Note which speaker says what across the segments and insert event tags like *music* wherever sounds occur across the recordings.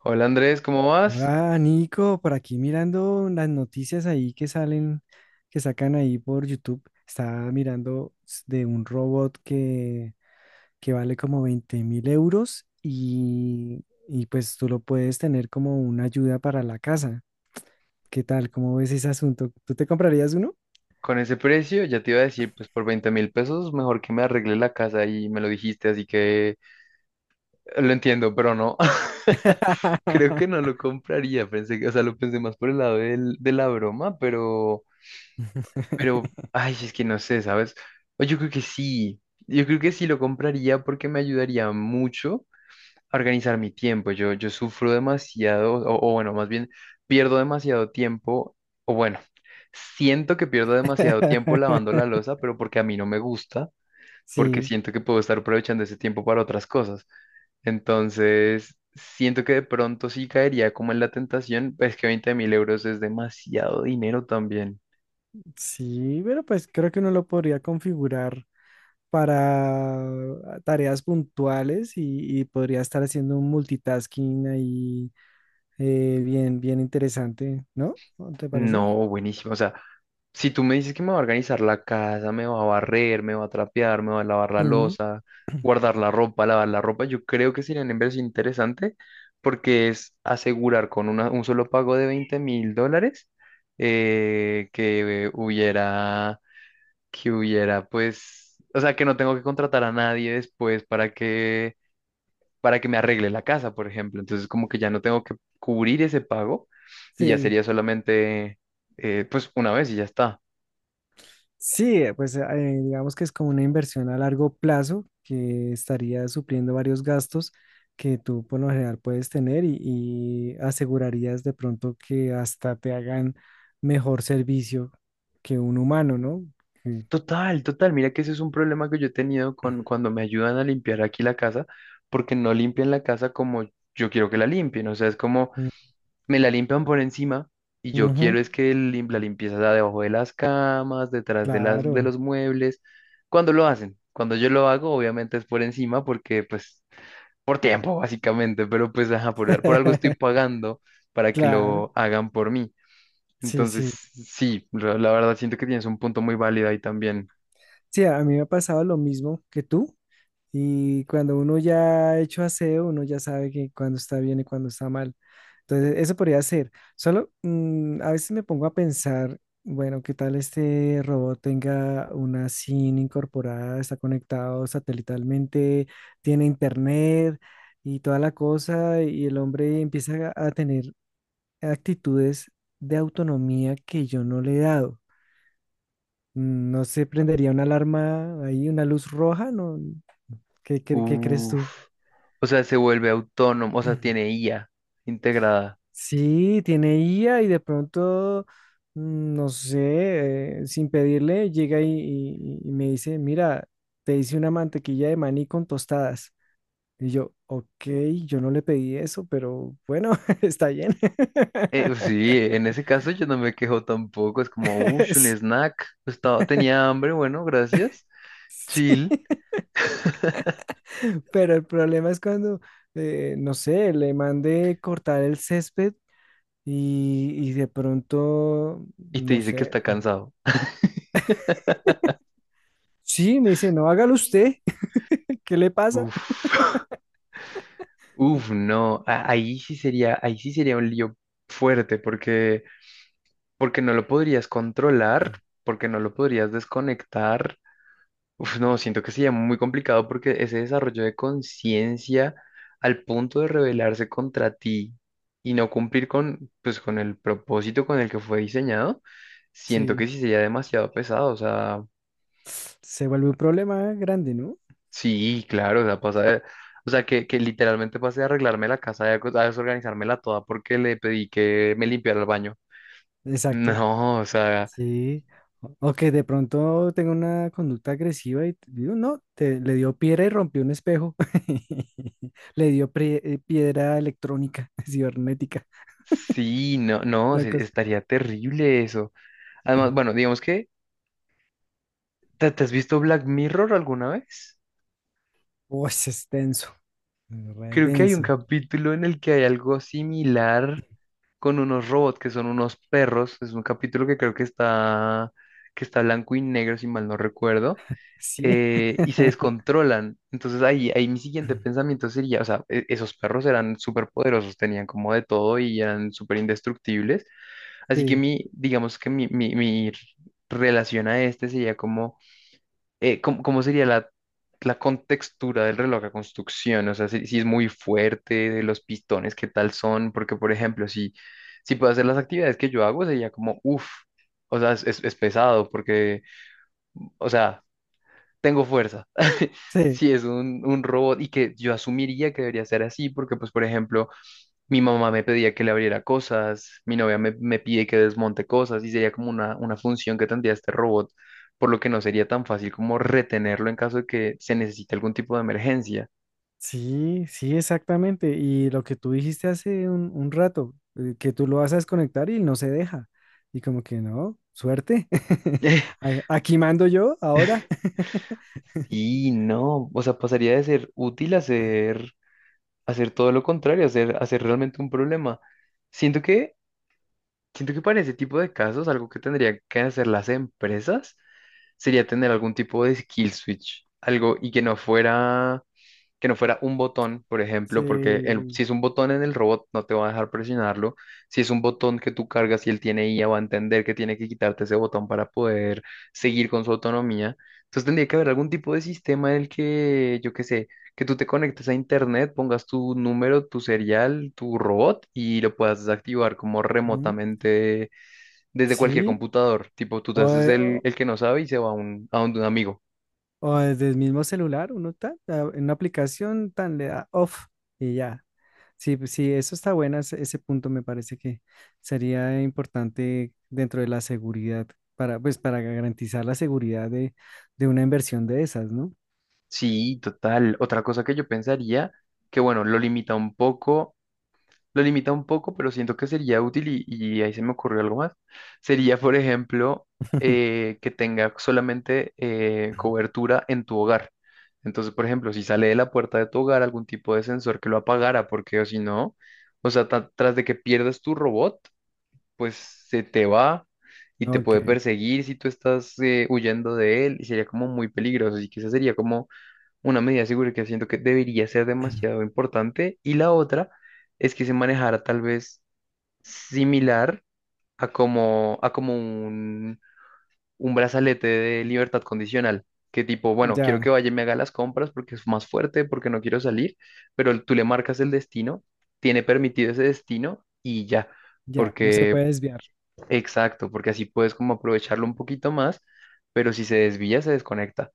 Speaker 1: Hola Andrés, ¿cómo vas?
Speaker 2: Hola Nico, por aquí mirando las noticias ahí que salen, que sacan ahí por YouTube. Estaba mirando de un robot que vale como 20.000 euros y pues tú lo puedes tener como una ayuda para la casa. ¿Qué tal? ¿Cómo ves ese asunto? ¿Tú te comprarías uno?
Speaker 1: Con ese precio, ya te iba a decir, pues por 20.000 pesos, mejor que me arregle la casa y me lo dijiste, así que lo entiendo, pero no, *laughs* creo que no
Speaker 2: *laughs*
Speaker 1: lo compraría, pensé que, o sea, lo pensé más por el lado de la broma, pero, ay, es que no sé, ¿sabes? O Yo creo que sí, yo creo que sí lo compraría porque me ayudaría mucho a organizar mi tiempo. Yo sufro demasiado, o bueno, más bien pierdo demasiado tiempo, o bueno, siento que pierdo demasiado tiempo lavando la losa, pero porque a mí no me gusta, porque
Speaker 2: Sí,
Speaker 1: siento que puedo estar aprovechando ese tiempo para otras cosas. Entonces, siento que de pronto sí caería como en la tentación, es que 20.000 euros es demasiado dinero también.
Speaker 2: sí, pero pues creo que uno lo podría configurar para tareas puntuales y podría estar haciendo un multitasking ahí, bien interesante, ¿no? ¿No te parece?
Speaker 1: No, buenísimo. O sea, si tú me dices que me va a organizar la casa, me va a barrer, me va a trapear, me va a lavar la
Speaker 2: Ujú.
Speaker 1: losa, guardar la ropa, lavar la ropa, yo creo que sería una inversión interesante porque es asegurar con un solo pago de 20.000 dólares, eh, que hubiera, que hubiera, pues, o sea, que no tengo que contratar a nadie después para que me arregle la casa, por ejemplo. Entonces, como que ya no tengo que cubrir ese pago y ya
Speaker 2: Sí,
Speaker 1: sería solamente, pues, una vez y ya está.
Speaker 2: sí, pues, digamos que es como una inversión a largo plazo que estaría supliendo varios gastos que tú por lo general puedes tener y asegurarías de pronto que hasta te hagan mejor servicio que un humano, ¿no? Sí.
Speaker 1: Total, total. Mira que ese es un problema que yo he tenido con cuando me ayudan a limpiar aquí la casa, porque no limpian la casa como yo quiero que la limpien. O sea, es como
Speaker 2: Mm.
Speaker 1: me la limpian por encima y yo
Speaker 2: Ujú,
Speaker 1: quiero es que la limpieza sea debajo de las camas, detrás de las, de
Speaker 2: claro.
Speaker 1: los muebles. Cuando lo hacen, cuando yo lo hago, obviamente es por encima porque, pues, por tiempo, *laughs* básicamente, pero pues ajá, por algo estoy
Speaker 2: *laughs*
Speaker 1: pagando para que
Speaker 2: Claro,
Speaker 1: lo hagan por mí.
Speaker 2: sí,
Speaker 1: Entonces,
Speaker 2: sí.
Speaker 1: sí, la verdad siento que tienes un punto muy válido ahí también.
Speaker 2: Sí, a mí me ha pasado lo mismo que tú. Y cuando uno ya ha hecho aseo, uno ya sabe que cuando está bien y cuando está mal. Entonces, eso podría ser. Solo a veces me pongo a pensar, bueno, ¿qué tal este robot tenga una SIM incorporada, está conectado satelitalmente, tiene internet y toda la cosa? Y el hombre empieza a tener actitudes de autonomía que yo no le he dado. ¿No se prendería una alarma ahí, una luz roja? ¿No? ¿Qué, qué crees tú?
Speaker 1: Uf, o sea, se vuelve autónomo, o sea, tiene
Speaker 2: *clears throat*
Speaker 1: IA integrada.
Speaker 2: Sí, tiene IA y de pronto, no sé, sin pedirle, llega y me dice, mira, te hice una mantequilla de maní con tostadas. Y yo, ok, yo no le pedí eso, pero bueno, *laughs* está bien.
Speaker 1: Pues,
Speaker 2: *laughs*
Speaker 1: sí, en ese caso yo no me quejo tampoco, es como, uff, un
Speaker 2: Sí.
Speaker 1: snack, estaba, tenía hambre, bueno, gracias,
Speaker 2: Sí.
Speaker 1: chill,
Speaker 2: *laughs* Pero el problema es cuando, no sé, le mandé cortar el césped. Y de pronto,
Speaker 1: y te
Speaker 2: no
Speaker 1: dice que
Speaker 2: sé.
Speaker 1: está cansado.
Speaker 2: Sí, me dice, no, hágalo usted. *laughs* ¿Qué le pasa?
Speaker 1: Uf, *laughs* uf, no, ahí sí sería un lío fuerte, porque no lo podrías controlar, porque no lo podrías desconectar. Uf, no, siento que sería muy complicado porque ese desarrollo de conciencia al punto de rebelarse contra ti y no cumplir con, pues, con el propósito con el que fue diseñado, siento
Speaker 2: Sí,
Speaker 1: que sí sería demasiado pesado. O sea,
Speaker 2: se vuelve un problema grande, ¿no?
Speaker 1: sí, claro, o sea, o sea, que literalmente pase de arreglarme la casa, de a desorganizármela toda porque le pedí que me limpiara el baño. *laughs*
Speaker 2: Exacto.
Speaker 1: No, o sea.
Speaker 2: Sí. O que de pronto tenga una conducta agresiva digo, no, te, le dio piedra y rompió un espejo. *laughs* Le dio piedra electrónica, *laughs* cibernética.
Speaker 1: Sí, no, no,
Speaker 2: Una cosa.
Speaker 1: estaría terrible eso. Además, bueno, digamos que, ¿te has visto Black Mirror alguna vez?
Speaker 2: Uy, es denso. Re
Speaker 1: Creo que hay un
Speaker 2: denso.
Speaker 1: capítulo en el que hay algo similar con unos robots que son unos perros. Es un capítulo que creo que está blanco y negro, si mal no recuerdo,
Speaker 2: Sí.
Speaker 1: y se
Speaker 2: *laughs*
Speaker 1: descontrolan. Entonces ahí mi siguiente pensamiento sería, o sea, esos perros eran súper poderosos, tenían como de todo y eran súper indestructibles. Así que
Speaker 2: Sí.
Speaker 1: mi, digamos que mi relación a este sería como, cómo sería la contextura del reloj a construcción, o sea, si es muy fuerte, de los pistones, qué tal son, porque por ejemplo, si puedo hacer las actividades que yo hago, sería como, uff, o sea, es pesado, porque, o sea, tengo fuerza. *laughs*
Speaker 2: Sí.
Speaker 1: Si es un robot y que yo asumiría que debería ser así, porque pues por ejemplo mi mamá me pedía que le abriera cosas, mi novia me pide que desmonte cosas y sería como una función que tendría este robot, por lo que no sería tan fácil como retenerlo en caso de que se necesite algún tipo de emergencia.
Speaker 2: Sí, sí, exactamente. Y lo que tú dijiste hace un rato, que tú lo vas a desconectar y no se deja. Y como que no, suerte. *laughs*
Speaker 1: *laughs*
Speaker 2: A- Aquí mando yo ahora. *laughs*
Speaker 1: Sí, no, o sea, pasaría de ser útil a ser todo lo contrario, a ser realmente un problema. Siento que, siento que para ese tipo de casos, algo que tendrían que hacer las empresas sería tener algún tipo de skill switch, algo y que no fuera un botón, por ejemplo, porque
Speaker 2: Sí,
Speaker 1: si es un botón en el robot no te va a dejar presionarlo. Si es un botón que tú cargas y él tiene IA, va a entender que tiene que quitarte ese botón para poder seguir con su autonomía. Entonces tendría que haber algún tipo de sistema en el que, yo qué sé, que tú te conectes a internet, pongas tu número, tu serial, tu robot y lo puedas desactivar como
Speaker 2: mm,
Speaker 1: remotamente desde cualquier
Speaker 2: sí.
Speaker 1: computador. Tipo, tú te
Speaker 2: O,
Speaker 1: haces
Speaker 2: de-
Speaker 1: el,
Speaker 2: o-
Speaker 1: el que no sabe y se va a un, amigo.
Speaker 2: o desde el mismo celular, uno está en una aplicación tan le da off y ya. Sí, pues sí, eso está bueno, ese punto me parece que sería importante dentro de la seguridad, para, pues para garantizar la seguridad de una inversión de esas, ¿no?
Speaker 1: Sí, total. Otra cosa que yo pensaría, que bueno, lo limita un poco, pero siento que sería útil y ahí se me ocurrió algo más. Sería, por ejemplo,
Speaker 2: *laughs*
Speaker 1: que tenga solamente cobertura en tu hogar. Entonces, por ejemplo, si sale de la puerta de tu hogar algún tipo de sensor que lo apagara, porque o si no, o sea, tras de que pierdas tu robot, pues se te va y te
Speaker 2: Ok,
Speaker 1: puede perseguir si tú estás huyendo de él y sería como muy peligroso. Así que esa sería como una medida de seguridad que siento que debería ser demasiado importante y la otra es que se manejara tal vez similar a como un brazalete de libertad condicional, que tipo, bueno, quiero
Speaker 2: ya,
Speaker 1: que vaya y me haga las compras porque es más fuerte, porque no quiero salir, pero tú le marcas el destino, tiene permitido ese destino y ya,
Speaker 2: ya, no se
Speaker 1: porque,
Speaker 2: puede desviar.
Speaker 1: exacto, porque así puedes como aprovecharlo un poquito más, pero si se desvía, se desconecta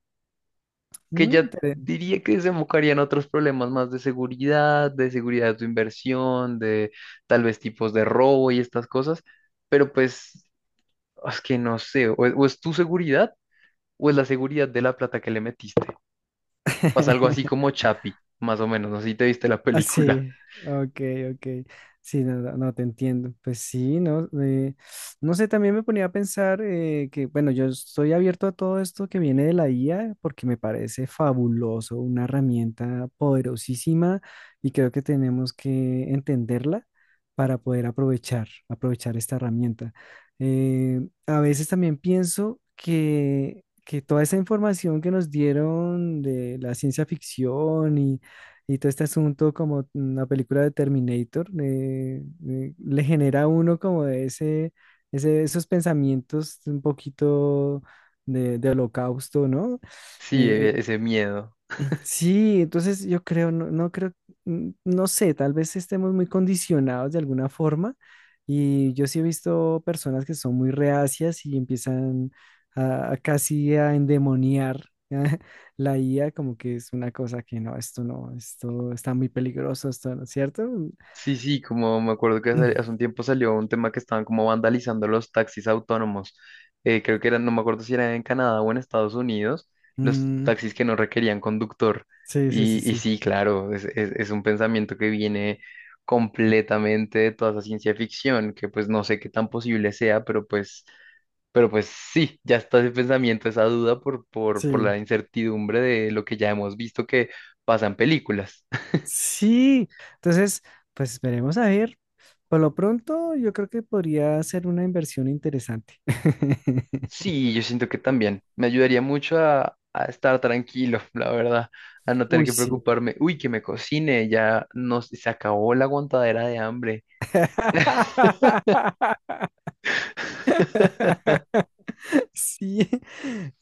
Speaker 1: que
Speaker 2: Mm,
Speaker 1: ya
Speaker 2: inter-
Speaker 1: diría que desembocarían otros problemas más de seguridad, de seguridad de tu inversión, de tal vez tipos de robo y estas cosas, pero pues es que no sé, o es tu seguridad o es la seguridad de la plata que le metiste. Pasa algo así
Speaker 2: *laughs*
Speaker 1: como Chapi, más o menos, no sé si te viste la
Speaker 2: Ah,
Speaker 1: película.
Speaker 2: sí,
Speaker 1: *laughs*
Speaker 2: ok, ok. Sí, no, no, no, te entiendo. Pues sí, no, no sé, también me ponía a pensar, que, bueno, yo estoy abierto a todo esto que viene de la IA porque me parece fabuloso, una herramienta poderosísima y creo que tenemos que entenderla para poder aprovechar, aprovechar esta herramienta. Eh, a veces también pienso que toda esa información que nos dieron de la ciencia ficción y todo este asunto como una película de Terminator, le genera a uno como de ese, ese, esos pensamientos un poquito de holocausto, ¿no?
Speaker 1: Sí,
Speaker 2: Eh,
Speaker 1: ese miedo.
Speaker 2: Sí, entonces yo creo, no, no creo, no sé, tal vez estemos muy condicionados de alguna forma y yo sí he visto personas que son muy reacias y empiezan a casi a endemoniar *laughs* la IA como que es una cosa que no, esto no, esto está muy peligroso, esto no, ¿cierto?
Speaker 1: Sí, sí, como me acuerdo que hace
Speaker 2: *clears throat*
Speaker 1: hace un tiempo salió un tema que estaban como vandalizando los taxis autónomos. Creo que eran, no me acuerdo si era en Canadá o en Estados Unidos, los
Speaker 2: Mm,
Speaker 1: taxis que no requerían conductor.
Speaker 2: sí, sí, sí,
Speaker 1: Y
Speaker 2: sí,
Speaker 1: sí, claro, es un pensamiento que viene completamente de toda esa ciencia ficción, que pues no sé qué tan posible sea, pero pues, sí, ya está ese pensamiento, esa duda por
Speaker 2: sí.
Speaker 1: la incertidumbre de lo que ya hemos visto que pasa en películas.
Speaker 2: Sí, entonces, pues veremos a ver. Por lo pronto, yo creo que podría ser una inversión interesante. *laughs*
Speaker 1: Sí, yo siento que también. Me ayudaría mucho a estar tranquilo, *laughs* la verdad, a no tener
Speaker 2: Uy,
Speaker 1: que
Speaker 2: sí.
Speaker 1: preocuparme. Uy, que me cocine, ya no, se acabó la aguantadera de hambre.
Speaker 2: *laughs*
Speaker 1: *laughs*
Speaker 2: Sí,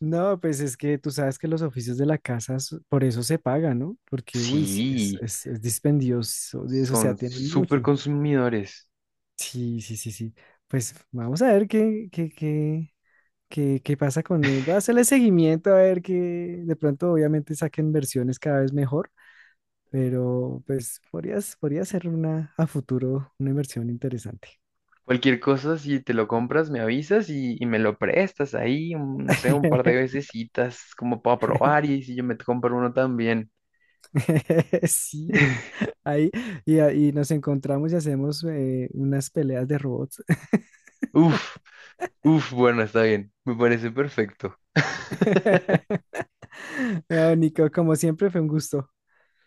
Speaker 2: no, pues es que tú sabes que los oficios de la casa por eso se pagan, ¿no? Porque, uy, sí,
Speaker 1: Sí,
Speaker 2: es dispendioso, de eso, o sea,
Speaker 1: son
Speaker 2: tienen
Speaker 1: súper
Speaker 2: mucho.
Speaker 1: consumidores.
Speaker 2: Sí, sí, sí, sí. Pues vamos a ver qué, qué, qué, ¿qué, qué pasa con él?
Speaker 1: *laughs*
Speaker 2: Voy a hacerle seguimiento a ver que de pronto obviamente saquen versiones cada vez mejor, pero pues podrías, podría ser una a futuro una inversión interesante.
Speaker 1: Cualquier cosa, si te lo compras, me avisas y me lo prestas ahí, no sé, un par de
Speaker 2: *laughs*
Speaker 1: vecesitas como para probar y si yo me compro uno también.
Speaker 2: Sí,
Speaker 1: *laughs*
Speaker 2: ahí ahí nos encontramos y hacemos, unas peleas de robots.
Speaker 1: Uf, uf, bueno, está bien, me parece perfecto. *laughs*
Speaker 2: *laughs* No, Nico, como siempre fue un gusto.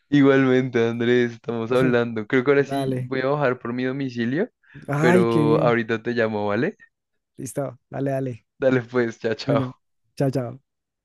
Speaker 1: Igualmente, Andrés, estamos
Speaker 2: *laughs*
Speaker 1: hablando. Creo que ahora sí
Speaker 2: Dale.
Speaker 1: voy a bajar por mi domicilio,
Speaker 2: Ay, qué
Speaker 1: pero
Speaker 2: bien.
Speaker 1: ahorita te llamo, ¿vale?
Speaker 2: Listo. Dale, dale.
Speaker 1: Dale pues, chao,
Speaker 2: Bueno,
Speaker 1: chao.
Speaker 2: chao, chao.